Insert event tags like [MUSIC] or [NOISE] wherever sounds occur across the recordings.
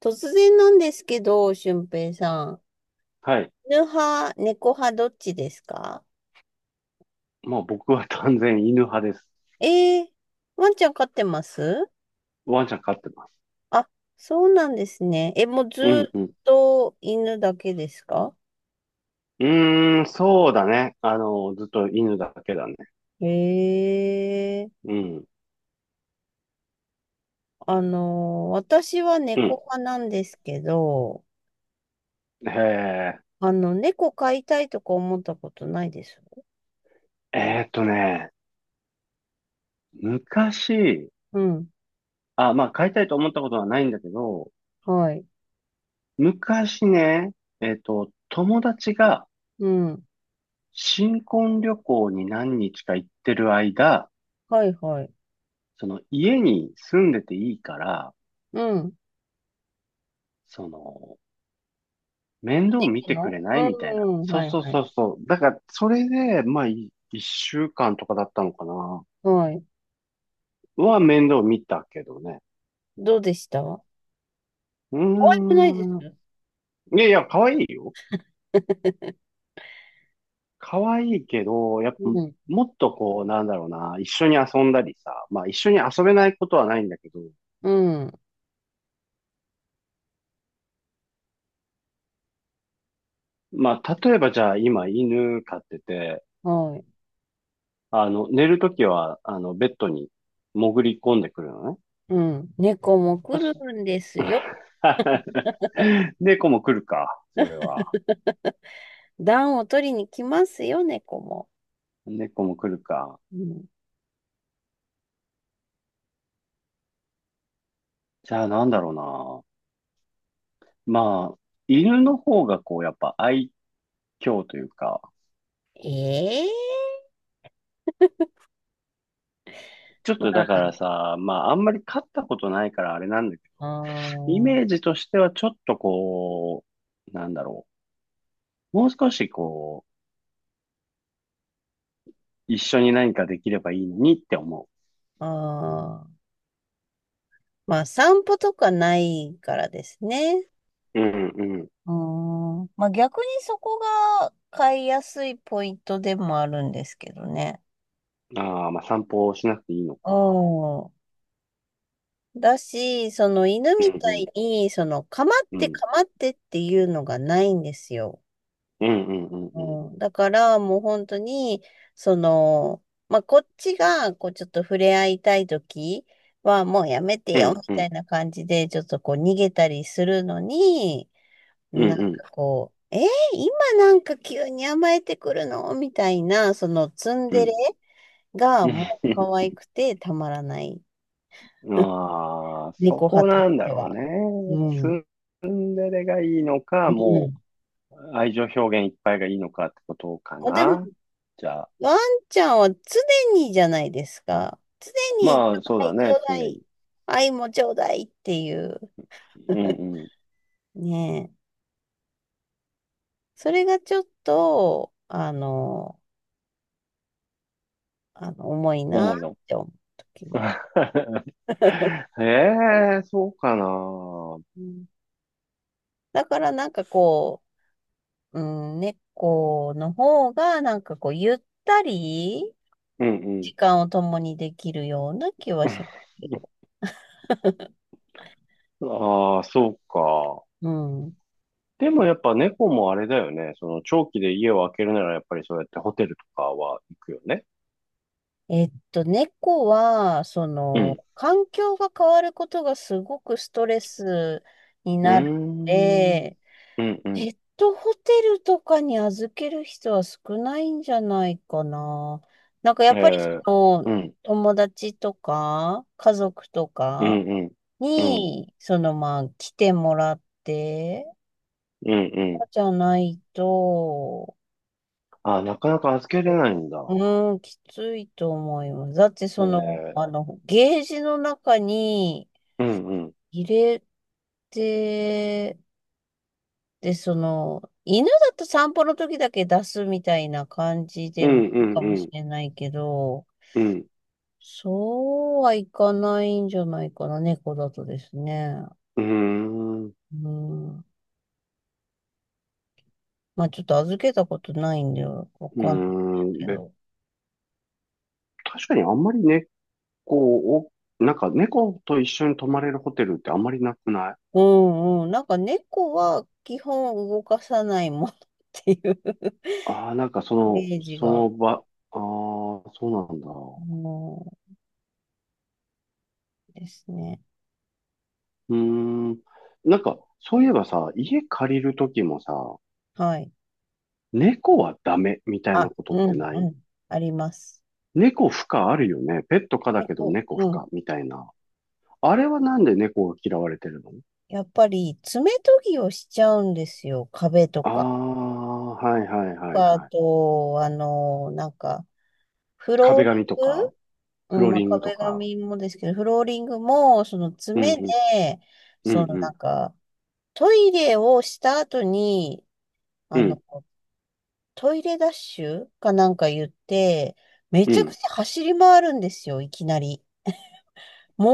突然なんですけど、俊平さん。はい。犬派、猫派、どっちですか？もう僕は断然犬派です。えー、ワンちゃん飼ってます？ワンちゃん飼ってます。あ、そうなんですね。もうずうんっうん。と犬だけですか？うーん、そうだね。ずっと犬だけだね。えー、うん。私はうん。猫派なんですけど、へえ。猫飼いたいとか思ったことないです。えーっとね、昔、うん、あ、まあ飼いたいと思ったことはないんだけど、はい、昔ね、友達がうん、新婚旅行に何日か行ってる間、はい、はい。その家に住んでていいから、うん、その、面倒見猫てくれのないうみたいな。ん、そうはい、そうはそい。うそう。だから、それで、まあ、一週間とかだったのかな。はい。は面倒見たけどね。どうでした？う可愛くないです？ ーん。いやいや、可愛いよ。[LAUGHS] 可愛いけど、やっぱ、うん、もっとこう、なんだろうな、一緒に遊んだりさ、まあ一緒に遊べないことはないんだけど、うん、まあ例えばじゃあ今犬飼ってて、はい。寝るときは、ベッドに潜り込んでくるのね。うん。猫も来るんですよ。[LAUGHS] で、子も来るか、それは。暖を取りに来ますよ、猫も。猫も来るか。うん、じゃあなんだろうな。まあ、犬の方がこう、やっぱ愛嬌というか、ええ。ちょっとだかまらさ、まああんまり飼ったことないからあれなんだけあ、ど、あイメーー、ジとしてはちょっとこう、なんだろう。もう少しこう、一緒に何かできればいいのにって思あー。まあ、散歩とかないからですね。う。うんうんううーん。まあ、逆にそこが飼いやすいポイントでもあるんですけどね。ん。ああ、まあ散歩をしなくていいのか。うん。だし、その犬うんみたういんに、かまっうてん。かまってっていうのがないんですよ。うんうんうんううん。ん、だからもう本当に、まあ、こっちが、こうちょっと触れ合いたいときは、もうやめてうよ、んみうたんいな感じで、ちょっとこう逃げたりするのに、うんなんうかんこう、今なんか急に甘えてくるのみたいな、そのツンうデレん。がうん もう可 [LAUGHS] 愛くてたまらない。ああ、そ猫派ことしなんだてろうは。うね。ツん。ンデレがいいのか、うもん。う愛情表現いっぱいがいいのかってことかあ、でも、な。じゃあ、ワンちゃんは常にじゃないですか。常に、ちまょあうそうだだい、ちね、ょう常だに。い、愛もちょうだいっていう。うん [LAUGHS] うん、ねえ。それがちょっと、あの、重いなっ重いの？て思う時もある。[LAUGHS] ええー、そうかな。ううん。だからなんかこう、うん、猫の方がなんかこう、ゆったりん時間を共にできるような気はしますけど。うん。ああ、そうか。うん。でもやっぱ猫もあれだよね。その長期で家を空けるならやっぱりそうやってホテルとかは行くよね。えっと、猫は、うん。環境が変わることがすごくストレスにうーなるのん。で、うんうペん。ットホテルとかに預ける人は少ないんじゃないかな。なんかやえっぱりえの、うん。友達とか、家族とうかんうん。うん。に、まあ、来てもらって、うんうん。じゃないと、あ、なかなか預けれないんだ。うーん、きついと思います。だってえその、え。ゲージの中にうんうん。入れて、で、犬だと散歩の時だけ出すみたいな感じうでんもういいんかうもしん。れないけど、うん。そうはいかないんじゃないかな、猫だとですね。うーん。ううん。まあちょっと預けたことないんで、わーかんないですん。けで、ど。確かにあんまり猫を、なんか猫と一緒に泊まれるホテルってあんまりなくない？うんうん。なんか猫は基本動かさないもんっていうああー、なんかそイの、メージそが、の場、ああ、そうなんだ。もうですね。うーん。なんか、そういえばさ、家借りるときもさ、はい。猫はダメみたいなあ、ことっうてん、なうい？ん、あります。猫不可あるよね。ペット可だ結けど構、猫不うん。可みたいな。あれはなんで猫が嫌われてるの？やっぱり、爪研ぎをしちゃうんですよ。壁とああー、か。はいはいはいあはい。と、フロー壁リ紙とンか、グ、フうん、ローまあ、リングと壁か。紙もですけど、フローリングも、そのうん爪で、うん、うんそのうなん、んか、トイレをした後に、うあん、の、トイレダッシュかなんか言って、めうちゃくん。ちゃ走り回るんですよ、いきなり。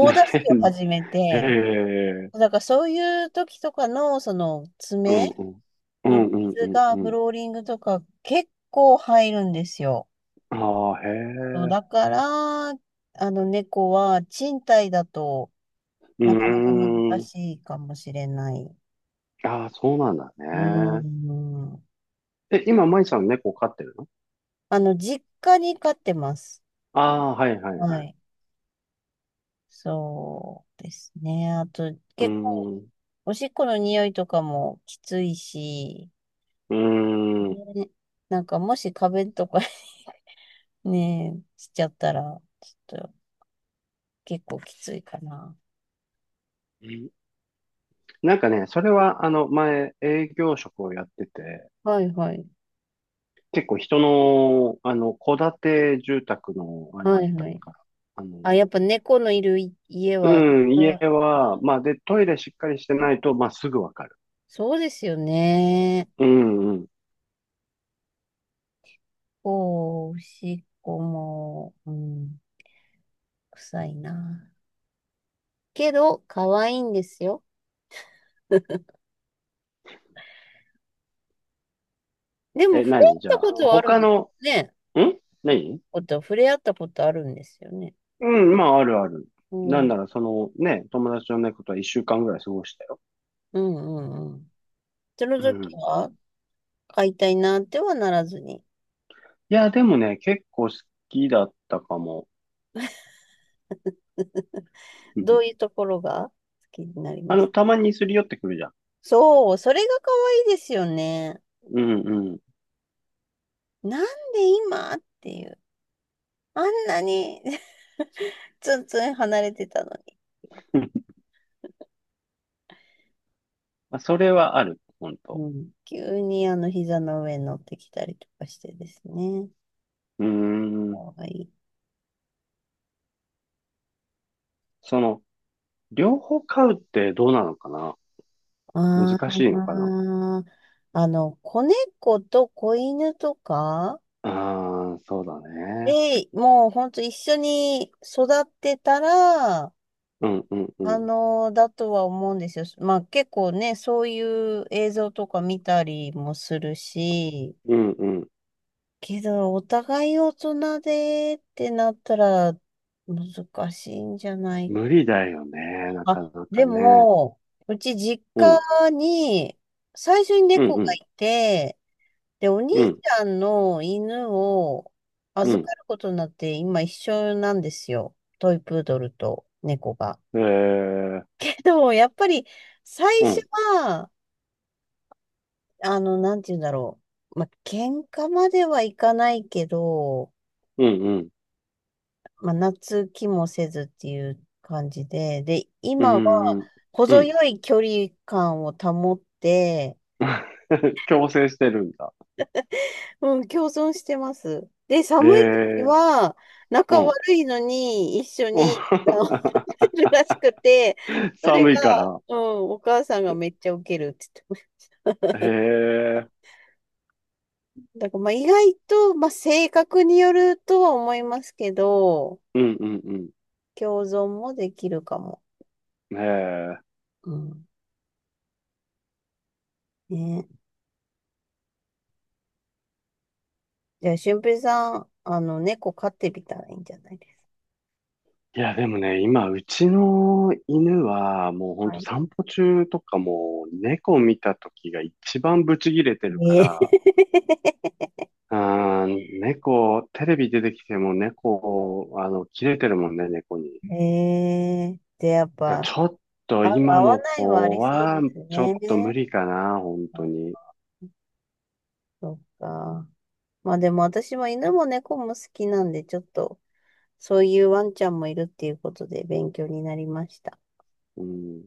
[LAUGHS] ダッシュを始めへて、え、だからそういう時とかの、そのうん爪うん、うのんうんう傷んがうフん。ローリングとか結構入るんですよ。ああ、へそうえ、だから、あの猫は賃貸だとうーなかなか難ん。しいかもしれない。うああ、そうなんだーね。ん。え、今、マイさん猫飼ってるの？あの、実家に飼ってます。ああー、はいはいははい。い。そうですね。あと、うー結構、ん、うおしっこの匂いとかもきついし、ーん。ね、なんかもし壁とかねえ、しちゃったら、ちょっと結構きついかな。なんかね、それは、前、営業職をやってて、はいはい。結構人の、戸建て住宅の、あれはだっいたはい。から、あの、あ、やっぱ猫のいるい家うは、ん、う家ん、は、まあ、で、トイレしっかりしてないと、まあ、すぐわかる。そうですよね。うんうん。おお、おしっこも、うん、臭いな。けど、可愛いんですよ。でも、え、触れ合何っじゃたあ、ことはある他んでの、すね。ん何？こと触れ合ったことあるんですよね。うん、まあ、あるある。うなん。んうなんら、ね、友達の猫とは一週間ぐらい過ごしたよ。うんうん。そのう時ん。いは、飼いたいなってはならずに、や、でもね、結構好きだったかも。うどん。ういうところが好きになりました？たまにすり寄ってくるじゃん。そう、それが可愛いですよね。うん。なんで今っていう。あんなに [LAUGHS] ツンツン離れてたのに。まあ、それはある、本当。うん。急にあの膝の上に乗ってきたりとかしてですね。うーん。可愛い。その、両方買うってどうなのかな？あ難しいのかな？あ、あの、子猫と子犬とかああ、そうだね。で、もうほんと一緒に育ってたら、うんうんうあん。の、だとは思うんですよ。まあ結構ね、そういう映像とか見たりもするし、うんうん。けど、お互い大人でってなったら難しいんじゃない？無理だよね、なかあ、なかでね。も、うち実うん、家に最初にうん猫うがん、いて、で、お兄うちん、ゃんの犬をう預ん。かることになって今一緒なんですよ。トイプードルと猫が。えー、[LAUGHS] でも、やっぱり最う初ん、は、あの、なんて言うんだろう。まあ、喧嘩まではいかないけど、うんうん、まあ、夏気もせずっていう感じで、で、う今ん、うはん。う程ん よい距離感を保って、[LAUGHS] 強制してるんだ。うん、共存してます。で、え寒い時ー、は、う仲悪ん。いのに一緒うん に治っ [LAUGHS] るらしくて、[LAUGHS] それ寒が、いから。うん、お母さんがめっちゃウケるって言ってましへえ、た。だからまあ意外と、まあ、性格によるとは思いますけど、うんうん共存もできるかも。うん。へえ。うん。ね、じゃあ、俊平さん、あの、猫飼ってみたらいいんじゃないですいや、でもね、今、うちの犬は、もうほか。んはとい。散歩中とかも、猫見た時が一番ブチギレて [LAUGHS] るかえら、あー猫、テレビ出てきても猫、切れてるもんね、猫に。ー、[LAUGHS] えー、で、やっだかぱ、らちょっとあ、今合わのないはあ子りそうは、ですちょっと無ね。理かな、本当あ、に。そっか。まあでも私は犬も猫も好きなんで、ちょっと、そういうワンちゃんもいるっていうことで勉強になりました。うん。